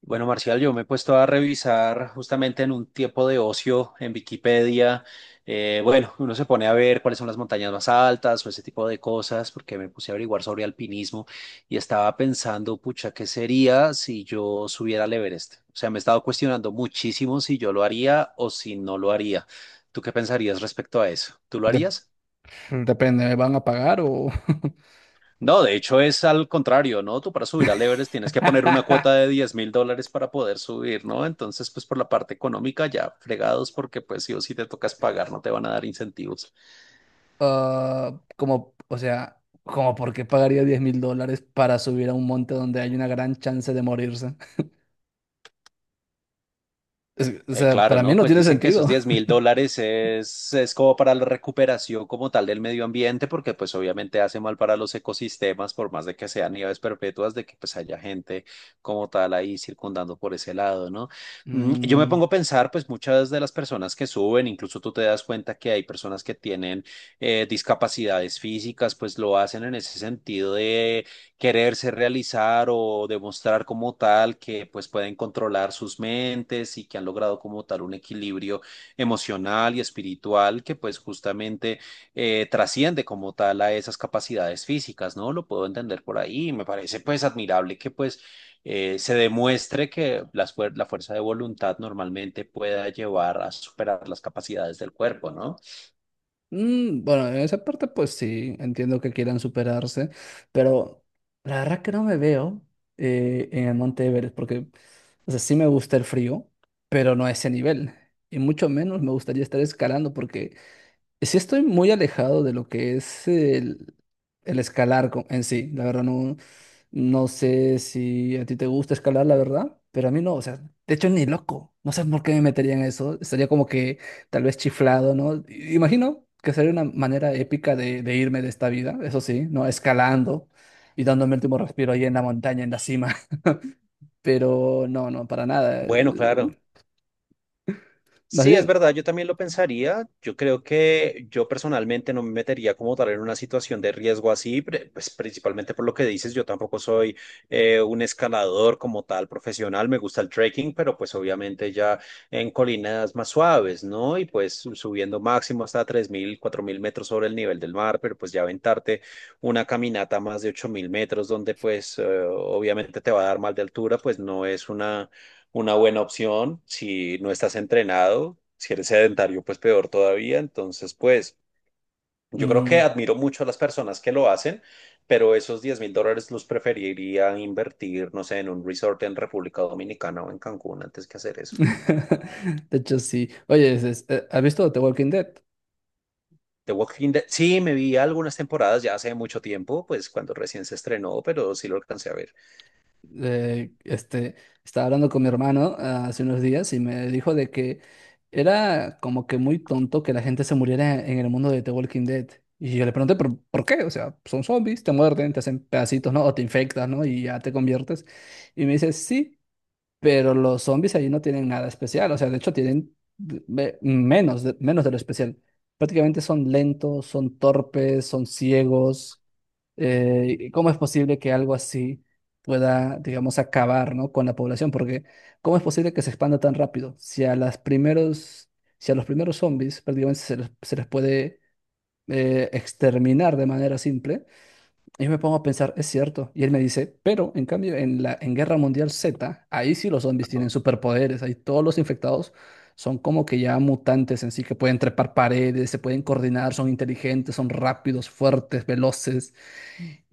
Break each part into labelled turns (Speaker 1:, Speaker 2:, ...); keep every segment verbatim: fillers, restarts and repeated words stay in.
Speaker 1: Bueno, Marcial, yo me he puesto a revisar justamente en un tiempo de ocio en Wikipedia. Eh, bueno, uno se pone a ver cuáles son las montañas más altas o ese tipo de cosas, porque me puse a averiguar sobre alpinismo y estaba pensando, pucha, ¿qué sería si yo subiera al Everest? O sea, me he estado cuestionando muchísimo si yo lo haría o si no lo haría. ¿Tú qué pensarías respecto a eso? ¿Tú lo
Speaker 2: Dep-
Speaker 1: harías?
Speaker 2: Depende, ¿me van a pagar o...?
Speaker 1: No, de hecho es al contrario, ¿no? Tú para subir al Everest tienes que poner una cuota de diez mil dólares para poder subir, ¿no? Entonces, pues por la parte económica ya fregados porque pues sí o sí te tocas pagar, no te van a dar incentivos.
Speaker 2: Ah, como, o sea, como por qué pagaría diez mil dólares para subir a un monte donde hay una gran chance de morirse. Es- o
Speaker 1: Eh,
Speaker 2: sea,
Speaker 1: claro,
Speaker 2: para mí
Speaker 1: ¿no?
Speaker 2: no
Speaker 1: Pues
Speaker 2: tiene
Speaker 1: dicen que esos
Speaker 2: sentido.
Speaker 1: diez mil dólares es, es como para la recuperación como tal del medio ambiente, porque pues obviamente hace mal para los ecosistemas, por más de que sean nieves perpetuas, de que pues haya gente como tal ahí circundando por ese lado, ¿no? Mm, yo me
Speaker 2: Mm,
Speaker 1: pongo a pensar, pues muchas de las personas que suben, incluso tú te das cuenta que hay personas que tienen eh, discapacidades físicas, pues lo hacen en ese sentido de quererse realizar o demostrar como tal que pues pueden controlar sus mentes y que han logrado como tal un equilibrio emocional y espiritual que pues justamente eh, trasciende como tal a esas capacidades físicas, ¿no? Lo puedo entender por ahí. Me parece pues admirable que pues eh, se demuestre que las fuer- la fuerza de voluntad normalmente pueda llevar a superar las capacidades del cuerpo, ¿no?
Speaker 2: mm, bueno, en esa parte pues sí, entiendo que quieran superarse, pero la verdad que no me veo eh, en el monte Everest porque, o sea, sí me gusta el frío, pero no a ese nivel. Y mucho menos me gustaría estar escalando porque... Sí estoy muy alejado de lo que es el, el escalar co- en sí. La verdad no, no sé si a ti te gusta escalar, la verdad, pero a mí no. O sea, de hecho ni loco. No sé por qué me metería en eso. Estaría como que tal vez chiflado, ¿no? I- Imagino que sería una manera épica de, de irme de esta vida, eso sí, ¿no? Escalando y dándome el último respiro ahí en la montaña, en la cima. Pero no, no, para nada.
Speaker 1: Bueno, claro.
Speaker 2: Eh, Más
Speaker 1: Sí, es
Speaker 2: bien.
Speaker 1: verdad, yo también lo pensaría. Yo creo que yo personalmente no me metería como tal en una situación de riesgo así, pre- pues principalmente por lo que dices, yo tampoco soy eh, un escalador como tal profesional, me gusta el trekking, pero pues obviamente ya en colinas más suaves, ¿no? Y pues su- subiendo máximo hasta tres mil, cuatro mil metros sobre el nivel del mar, pero pues ya aventarte una caminata a más de ocho mil metros donde pues eh, obviamente te va a dar mal de altura, pues no es una una buena opción. Si no estás entrenado, si eres sedentario, pues peor todavía. Entonces, pues yo creo que
Speaker 2: mm,
Speaker 1: admiro mucho a las personas que lo hacen, pero esos diez mil dólares los preferiría invertir, no sé, en un resort en República Dominicana o en Cancún antes que hacer eso.
Speaker 2: De hecho, sí. Oye, es- es- eh, ¿has visto The Walking Dead?
Speaker 1: The Walking Dead, sí, me vi algunas temporadas ya hace mucho tiempo, pues cuando recién se estrenó, pero sí lo alcancé a ver.
Speaker 2: Eh, este, Estaba hablando con mi hermano ah, hace unos días y me dijo de que era como que muy tonto que la gente se muriera en el mundo de The Walking Dead. Y yo le pregunté, ¿por, por qué? O sea, son zombies, te muerden, te hacen pedacitos, ¿no? O te infectas, ¿no? Y ya te conviertes. Y me dice, sí, pero los zombies ahí no tienen nada especial. O sea, de hecho, tienen de- me- menos, de- menos de lo especial. Prácticamente son lentos, son torpes, son ciegos. Eh, ¿cómo es posible que algo así pueda, digamos, acabar ¿no? con la población? Porque ¿cómo es posible que se expanda tan rápido? Si a las primeros, si a los primeros zombies prácticamente se les, se les puede eh, exterminar de manera simple, yo me pongo a pensar, es cierto. Y él me dice, pero en cambio en la en Guerra Mundial Z, ahí sí los zombies tienen
Speaker 1: Ajá.
Speaker 2: superpoderes, ahí todos los infectados son como que ya mutantes en sí, que pueden trepar paredes, se pueden coordinar, son inteligentes, son rápidos, fuertes, veloces.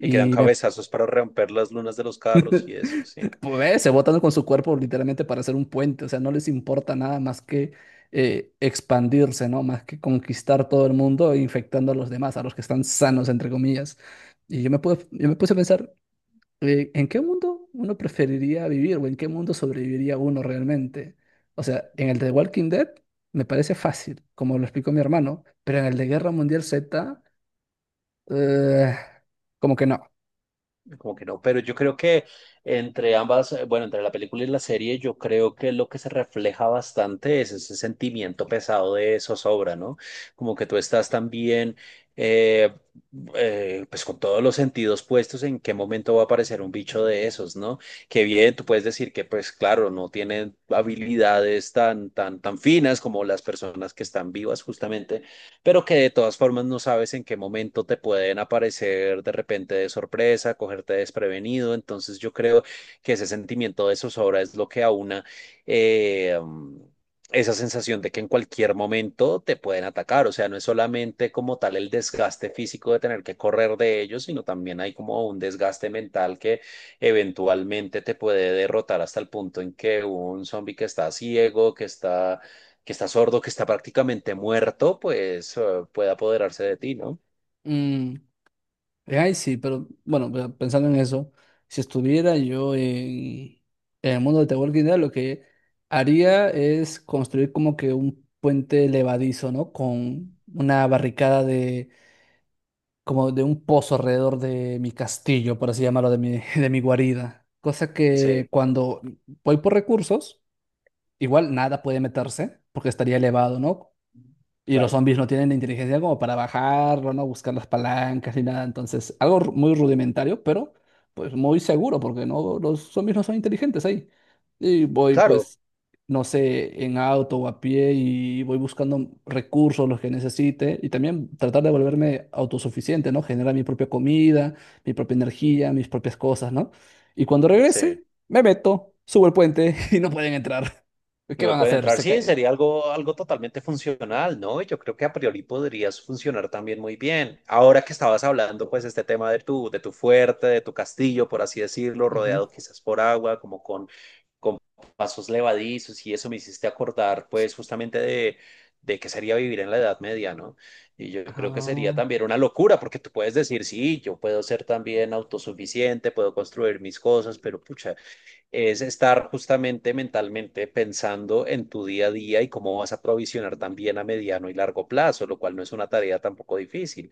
Speaker 1: Y quedan
Speaker 2: me
Speaker 1: cabezazos para romper las lunas de los carros y eso, sí.
Speaker 2: pues, se botan con su cuerpo literalmente para hacer un puente, o sea, no les importa nada más que eh, expandirse, ¿no? Más que conquistar todo el mundo e infectando a los demás, a los que están sanos, entre comillas. Y yo me puse, yo me puse a pensar, eh, ¿en qué mundo uno preferiría vivir o en qué mundo sobreviviría uno realmente? O sea, en el de Walking Dead me parece fácil, como lo explicó mi hermano, pero en el de Guerra Mundial Z, eh, como que no.
Speaker 1: Como que no, pero yo creo que entre ambas, eh, bueno, entre la película y la serie, yo creo que lo que se refleja bastante es ese sentimiento pesado de zozobra, ¿no? Como que tú estás también, eh, eh, pues con todos los sentidos puestos en qué momento va a aparecer un bicho de esos, ¿no? Que bien, tú puedes decir que, pues claro, no tienen habilidades tan, tan, tan finas como las personas que están vivas justamente, pero que de todas formas no sabes en qué momento te pueden aparecer de repente de sorpresa, cogerte desprevenido. Entonces yo creo que ese sentimiento de zozobra es lo que aúna eh, mm, esa sensación de que en cualquier momento te pueden atacar. O sea, no es solamente como tal el desgaste físico de tener que correr de ellos, sino también hay como un desgaste mental que eventualmente te puede derrotar hasta el punto en que un zombie que está ciego, que está que está sordo, que está prácticamente muerto, pues eh, puede apoderarse de ti, ¿no?
Speaker 2: Mm, Eh, Ay, sí, pero bueno, pero pensando en eso, si estuviera yo en, en el mundo de The Walking Dead, lo que haría es construir como que un puente levadizo, ¿no? Con una barricada de, como de un pozo alrededor de mi castillo, por así llamarlo, de mi, de mi guarida. Cosa que
Speaker 1: Sí,
Speaker 2: cuando voy por recursos, igual nada puede meterse, porque estaría elevado, ¿no? Y los
Speaker 1: claro,
Speaker 2: zombies no tienen la inteligencia como para bajarlo, no buscar las palancas ni nada. Entonces, algo ru- muy rudimentario, pero pues muy seguro, porque no, los zombies no son inteligentes ahí. Y voy,
Speaker 1: claro,
Speaker 2: pues, no sé, en auto o a pie y voy buscando recursos, los que necesite. Y también tratar de volverme autosuficiente, ¿no? Generar mi propia comida, mi propia energía, mis propias cosas, ¿no? Y cuando
Speaker 1: sí.
Speaker 2: regrese, me meto, subo el puente y no pueden entrar.
Speaker 1: Y
Speaker 2: ¿Qué
Speaker 1: no
Speaker 2: van a
Speaker 1: puede
Speaker 2: hacer?
Speaker 1: entrar,
Speaker 2: Se
Speaker 1: sí,
Speaker 2: cae.
Speaker 1: sería algo, algo totalmente funcional, ¿no? Yo creo que a priori podrías funcionar también muy bien. Ahora que estabas hablando, pues, este tema de tu, de tu fuerte, de tu castillo, por así decirlo,
Speaker 2: Ujú.
Speaker 1: rodeado quizás por agua, como con con pasos levadizos y eso me hiciste acordar pues justamente de, de qué sería vivir en la Edad Media, ¿no? Y yo creo que sería
Speaker 2: Ah.
Speaker 1: también una locura porque tú puedes decir, sí, yo puedo ser también autosuficiente, puedo construir mis cosas, pero pucha, es estar justamente mentalmente pensando en tu día a día y cómo vas a provisionar también a mediano y largo plazo, lo cual no es una tarea tampoco difícil.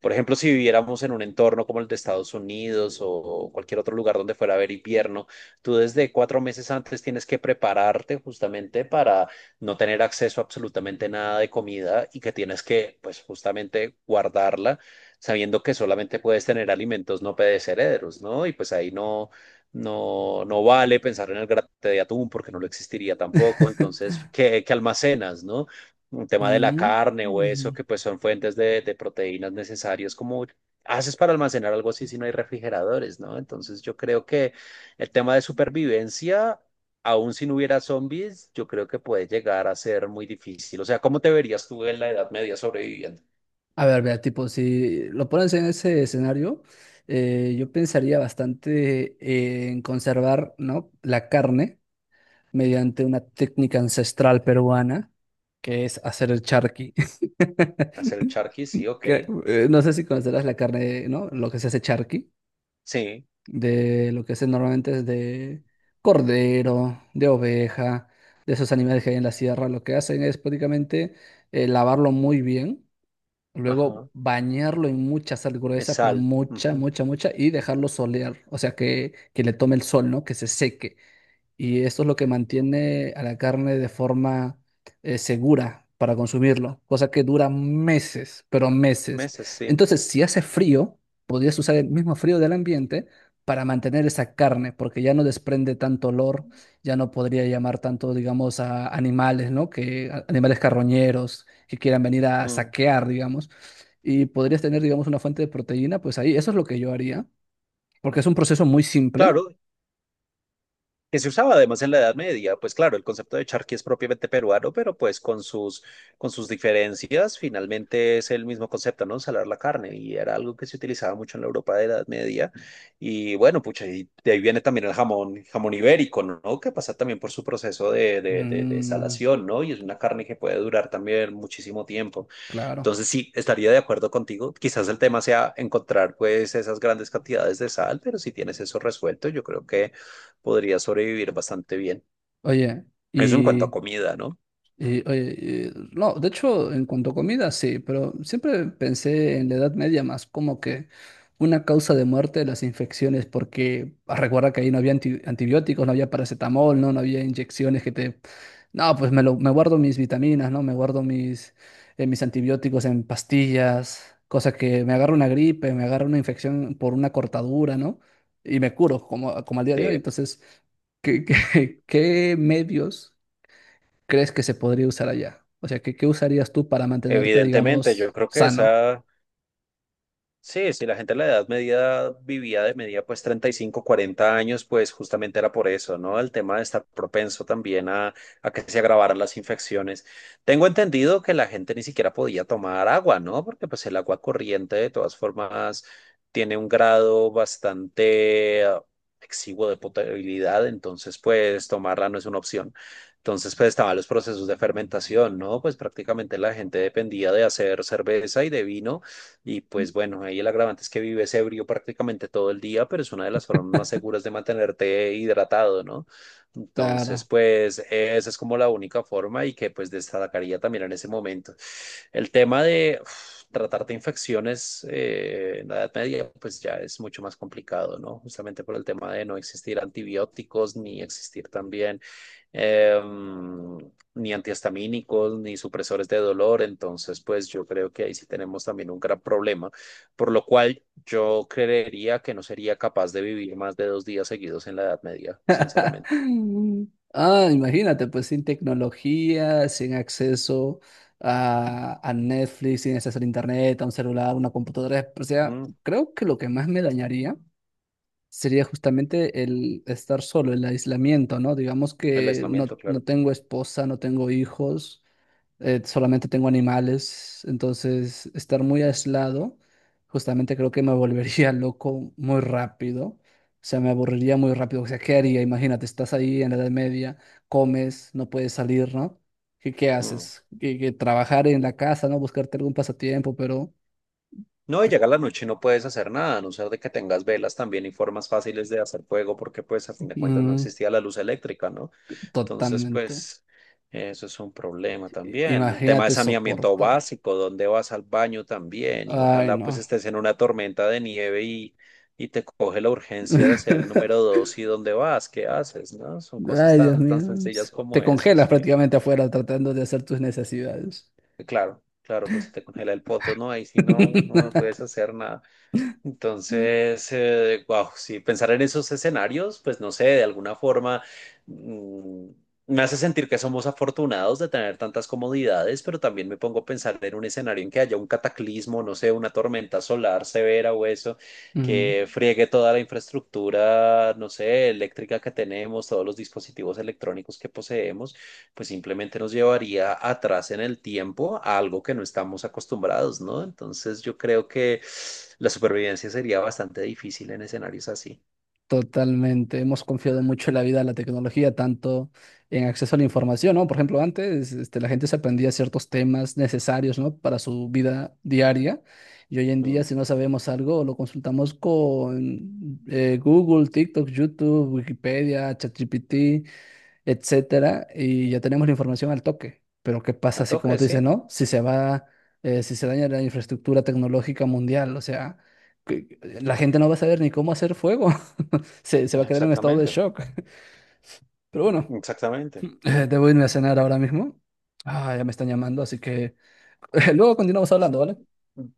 Speaker 1: Por ejemplo, si viviéramos en un entorno como el de Estados Unidos o cualquier otro lugar donde fuera a haber invierno, tú desde cuatro meses antes tienes que prepararte justamente para no tener acceso a absolutamente nada de comida y que tienes que, pues, justamente guardarla sabiendo que solamente puedes tener alimentos no perecederos, ¿no? Y pues ahí no, no, no vale pensar en el grate de atún porque no lo existiría tampoco. Entonces, ¿qué, qué almacenas, no? Un tema de la
Speaker 2: Mm,
Speaker 1: carne o eso,
Speaker 2: ujú.
Speaker 1: que pues son fuentes de, de proteínas necesarias. Como haces para almacenar algo así si no hay refrigeradores, no? Entonces, yo creo que el tema de supervivencia, aún si no hubiera zombies, yo creo que puede llegar a ser muy difícil. O sea, ¿cómo te verías tú en la Edad Media sobreviviendo?
Speaker 2: A ver, vea, tipo, si lo pones en ese escenario, eh, yo pensaría bastante en conservar, ¿no? La carne mediante una técnica ancestral peruana, que es hacer el charqui.
Speaker 1: ¿Hacer el charqui? Sí, ok.
Speaker 2: Que, eh, no sé si conocerás la carne, ¿no? Lo que se hace charqui,
Speaker 1: Sí,
Speaker 2: de lo que se normalmente es de cordero, de oveja, de esos animales que hay en la sierra. Lo que hacen es prácticamente eh, lavarlo muy bien.
Speaker 1: ajá.
Speaker 2: Luego bañarlo en mucha sal
Speaker 1: Es
Speaker 2: gruesa, pero
Speaker 1: sal.
Speaker 2: mucha,
Speaker 1: Ujú.
Speaker 2: mucha, mucha, y dejarlo solear, o sea, que, que le tome el sol, ¿no? Que se seque, y esto es lo que mantiene a la carne de forma eh, segura para consumirlo, cosa que dura meses, pero meses.
Speaker 1: Meses, sí.
Speaker 2: Entonces, si hace frío, podrías usar el mismo frío del ambiente para mantener esa carne, porque ya no desprende tanto olor, ya no podría llamar tanto, digamos, a animales, ¿no? Que a- animales carroñeros que quieran venir a
Speaker 1: Mm.
Speaker 2: saquear, digamos, y podrías tener, digamos, una fuente de proteína, pues ahí, eso es lo que yo haría, porque es un proceso muy simple.
Speaker 1: Claro, que se usaba además en la Edad Media, pues claro, el concepto de charqui es propiamente peruano, pero pues con sus, con sus diferencias finalmente es el mismo concepto, ¿no? Salar la carne y era algo que se utilizaba mucho en la Europa de la Edad Media. Y bueno, pucha, y de ahí viene también el jamón, jamón ibérico, ¿no? Que pasa también por su proceso de, de, de, de
Speaker 2: Mm,
Speaker 1: salación, ¿no? Y es una carne que puede durar también muchísimo tiempo.
Speaker 2: claro.
Speaker 1: Entonces sí, estaría de acuerdo contigo. Quizás el tema sea encontrar pues esas grandes cantidades de sal, pero si tienes eso resuelto, yo creo que podrías sobrevivir bastante bien.
Speaker 2: Oye,
Speaker 1: Eso en cuanto a
Speaker 2: y,
Speaker 1: comida, ¿no?
Speaker 2: y, oye, y- no, de hecho, en cuanto a comida, sí, pero siempre pensé en la Edad Media más como que una causa de muerte de las infecciones, porque ah, recuerda que ahí no había anti- antibióticos, no había paracetamol, no, no había inyecciones que te... No, pues me, lo- me guardo mis vitaminas, ¿no? Me guardo mis, eh, mis antibióticos en pastillas, cosa que me agarra una gripe, me agarra una infección por una cortadura, ¿no? Y me curo, como, como al día de hoy.
Speaker 1: Eh,
Speaker 2: Entonces, ¿qué, qué, qué medios crees que se podría usar allá? O sea, ¿qué, qué usarías tú para mantenerte,
Speaker 1: evidentemente, yo
Speaker 2: digamos,
Speaker 1: creo que
Speaker 2: sano?
Speaker 1: esa sí, si la gente de la edad media vivía de media pues treinta y cinco, cuarenta años, pues justamente era por eso, ¿no? El tema de estar propenso también a, a que se agravaran las infecciones. Tengo entendido que la gente ni siquiera podía tomar agua, ¿no? Porque pues el agua corriente de todas formas tiene un grado bastante eh, exiguo de potabilidad, entonces pues tomarla no es una opción. Entonces pues estaban los procesos de fermentación, ¿no? Pues prácticamente la gente dependía de hacer cerveza y de vino y pues bueno, ahí el agravante es que vives ebrio prácticamente todo el día, pero es una de las formas más seguras de mantenerte hidratado, ¿no? Entonces,
Speaker 2: Claro.
Speaker 1: pues esa es como la única forma y que pues destacaría también en ese momento. El tema de uf, tratar de infecciones eh, en la Edad Media, pues ya es mucho más complicado, ¿no? Justamente por el tema de no existir antibióticos ni existir también em, ni antihistamínicos, ni supresores de dolor. Entonces, pues yo creo que ahí sí tenemos también un gran problema, por lo cual yo creería que no sería capaz de vivir más de dos días seguidos en la Edad Media, sinceramente.
Speaker 2: Mm. Ah, imagínate, pues sin tecnología, sin acceso a, a Netflix, sin acceso a internet, a un celular, una computadora. O sea,
Speaker 1: Mm,
Speaker 2: creo que lo que más me dañaría sería justamente el estar solo, el aislamiento, ¿no? Digamos
Speaker 1: el
Speaker 2: que no,
Speaker 1: aislamiento,
Speaker 2: no
Speaker 1: claro.
Speaker 2: tengo esposa, no tengo hijos. Eh, solamente tengo animales, entonces estar muy aislado, justamente creo que me volvería loco muy rápido, o sea, me aburriría muy rápido, o sea, ¿qué haría? Imagínate, estás ahí en la Edad Media, comes, no puedes salir, ¿no? ¿Qué, qué
Speaker 1: Mm.
Speaker 2: haces? Que, que trabajar en la casa, ¿no? Buscarte algún pasatiempo, pero
Speaker 1: No, y llega la noche y no puedes hacer nada, a no ser de que tengas velas también y formas fáciles de hacer fuego, porque pues a fin de cuentas no
Speaker 2: mm,
Speaker 1: existía la luz eléctrica, ¿no? Entonces,
Speaker 2: totalmente.
Speaker 1: pues, eso es un problema
Speaker 2: I-
Speaker 1: también. El tema de
Speaker 2: Imagínate
Speaker 1: saneamiento
Speaker 2: soportar.
Speaker 1: básico, dónde vas al baño también, y
Speaker 2: Ay,
Speaker 1: ojalá pues
Speaker 2: no.
Speaker 1: estés en una tormenta de nieve y, y te coge la urgencia de hacer el número dos y dónde vas, qué haces, ¿no? Son cosas
Speaker 2: Ay, Dios
Speaker 1: tan, tan
Speaker 2: mío.
Speaker 1: sencillas
Speaker 2: Te
Speaker 1: como eso,
Speaker 2: congelas
Speaker 1: sí.
Speaker 2: prácticamente afuera tratando de hacer tus necesidades.
Speaker 1: Y claro, claro, pues si te congela el poto, ¿no? Ahí sí no, no puedes hacer nada. Entonces, eh, wow, sí, pensar en esos escenarios, pues no sé, de alguna forma mm, me hace sentir que somos afortunados de tener tantas comodidades, pero también me pongo a pensar en un escenario en que haya un cataclismo, no sé, una tormenta solar severa o eso,
Speaker 2: Mm,
Speaker 1: que friegue toda la infraestructura, no sé, eléctrica que tenemos, todos los dispositivos electrónicos que poseemos pues simplemente nos llevaría atrás en el tiempo a algo que no estamos acostumbrados, ¿no? Entonces yo creo que la supervivencia sería bastante difícil en escenarios así.
Speaker 2: totalmente. Hemos confiado mucho en la vida, en la tecnología, tanto en acceso a la información, ¿no? Por ejemplo, antes, este, la gente se aprendía ciertos temas necesarios, ¿no? Para su vida diaria. Y hoy en día,
Speaker 1: Mm.
Speaker 2: si no sabemos algo, lo consultamos con eh, Google, TikTok, YouTube, Wikipedia, ChatGPT, etcétera, y ya tenemos la información al toque. Pero ¿qué
Speaker 1: Me
Speaker 2: pasa si, como
Speaker 1: toca,
Speaker 2: tú
Speaker 1: sí,
Speaker 2: dices, no? Si se va, eh, si se daña la infraestructura tecnológica mundial, o sea, que- la gente no va a saber ni cómo hacer fuego, se, se va a quedar en estado de
Speaker 1: exactamente,
Speaker 2: shock. Pero bueno,
Speaker 1: exactamente.
Speaker 2: eh,
Speaker 1: Mm.
Speaker 2: debo irme a cenar ahora mismo. Ah, ya me están llamando, así que luego continuamos hablando, ¿vale?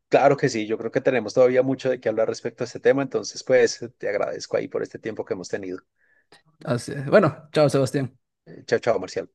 Speaker 1: Claro que sí, yo creo que tenemos todavía mucho de qué hablar respecto a este tema, entonces pues te agradezco ahí por este tiempo que hemos tenido.
Speaker 2: Así- bueno, chao, Sebastián.
Speaker 1: Eh, Chao, chao, Marcial.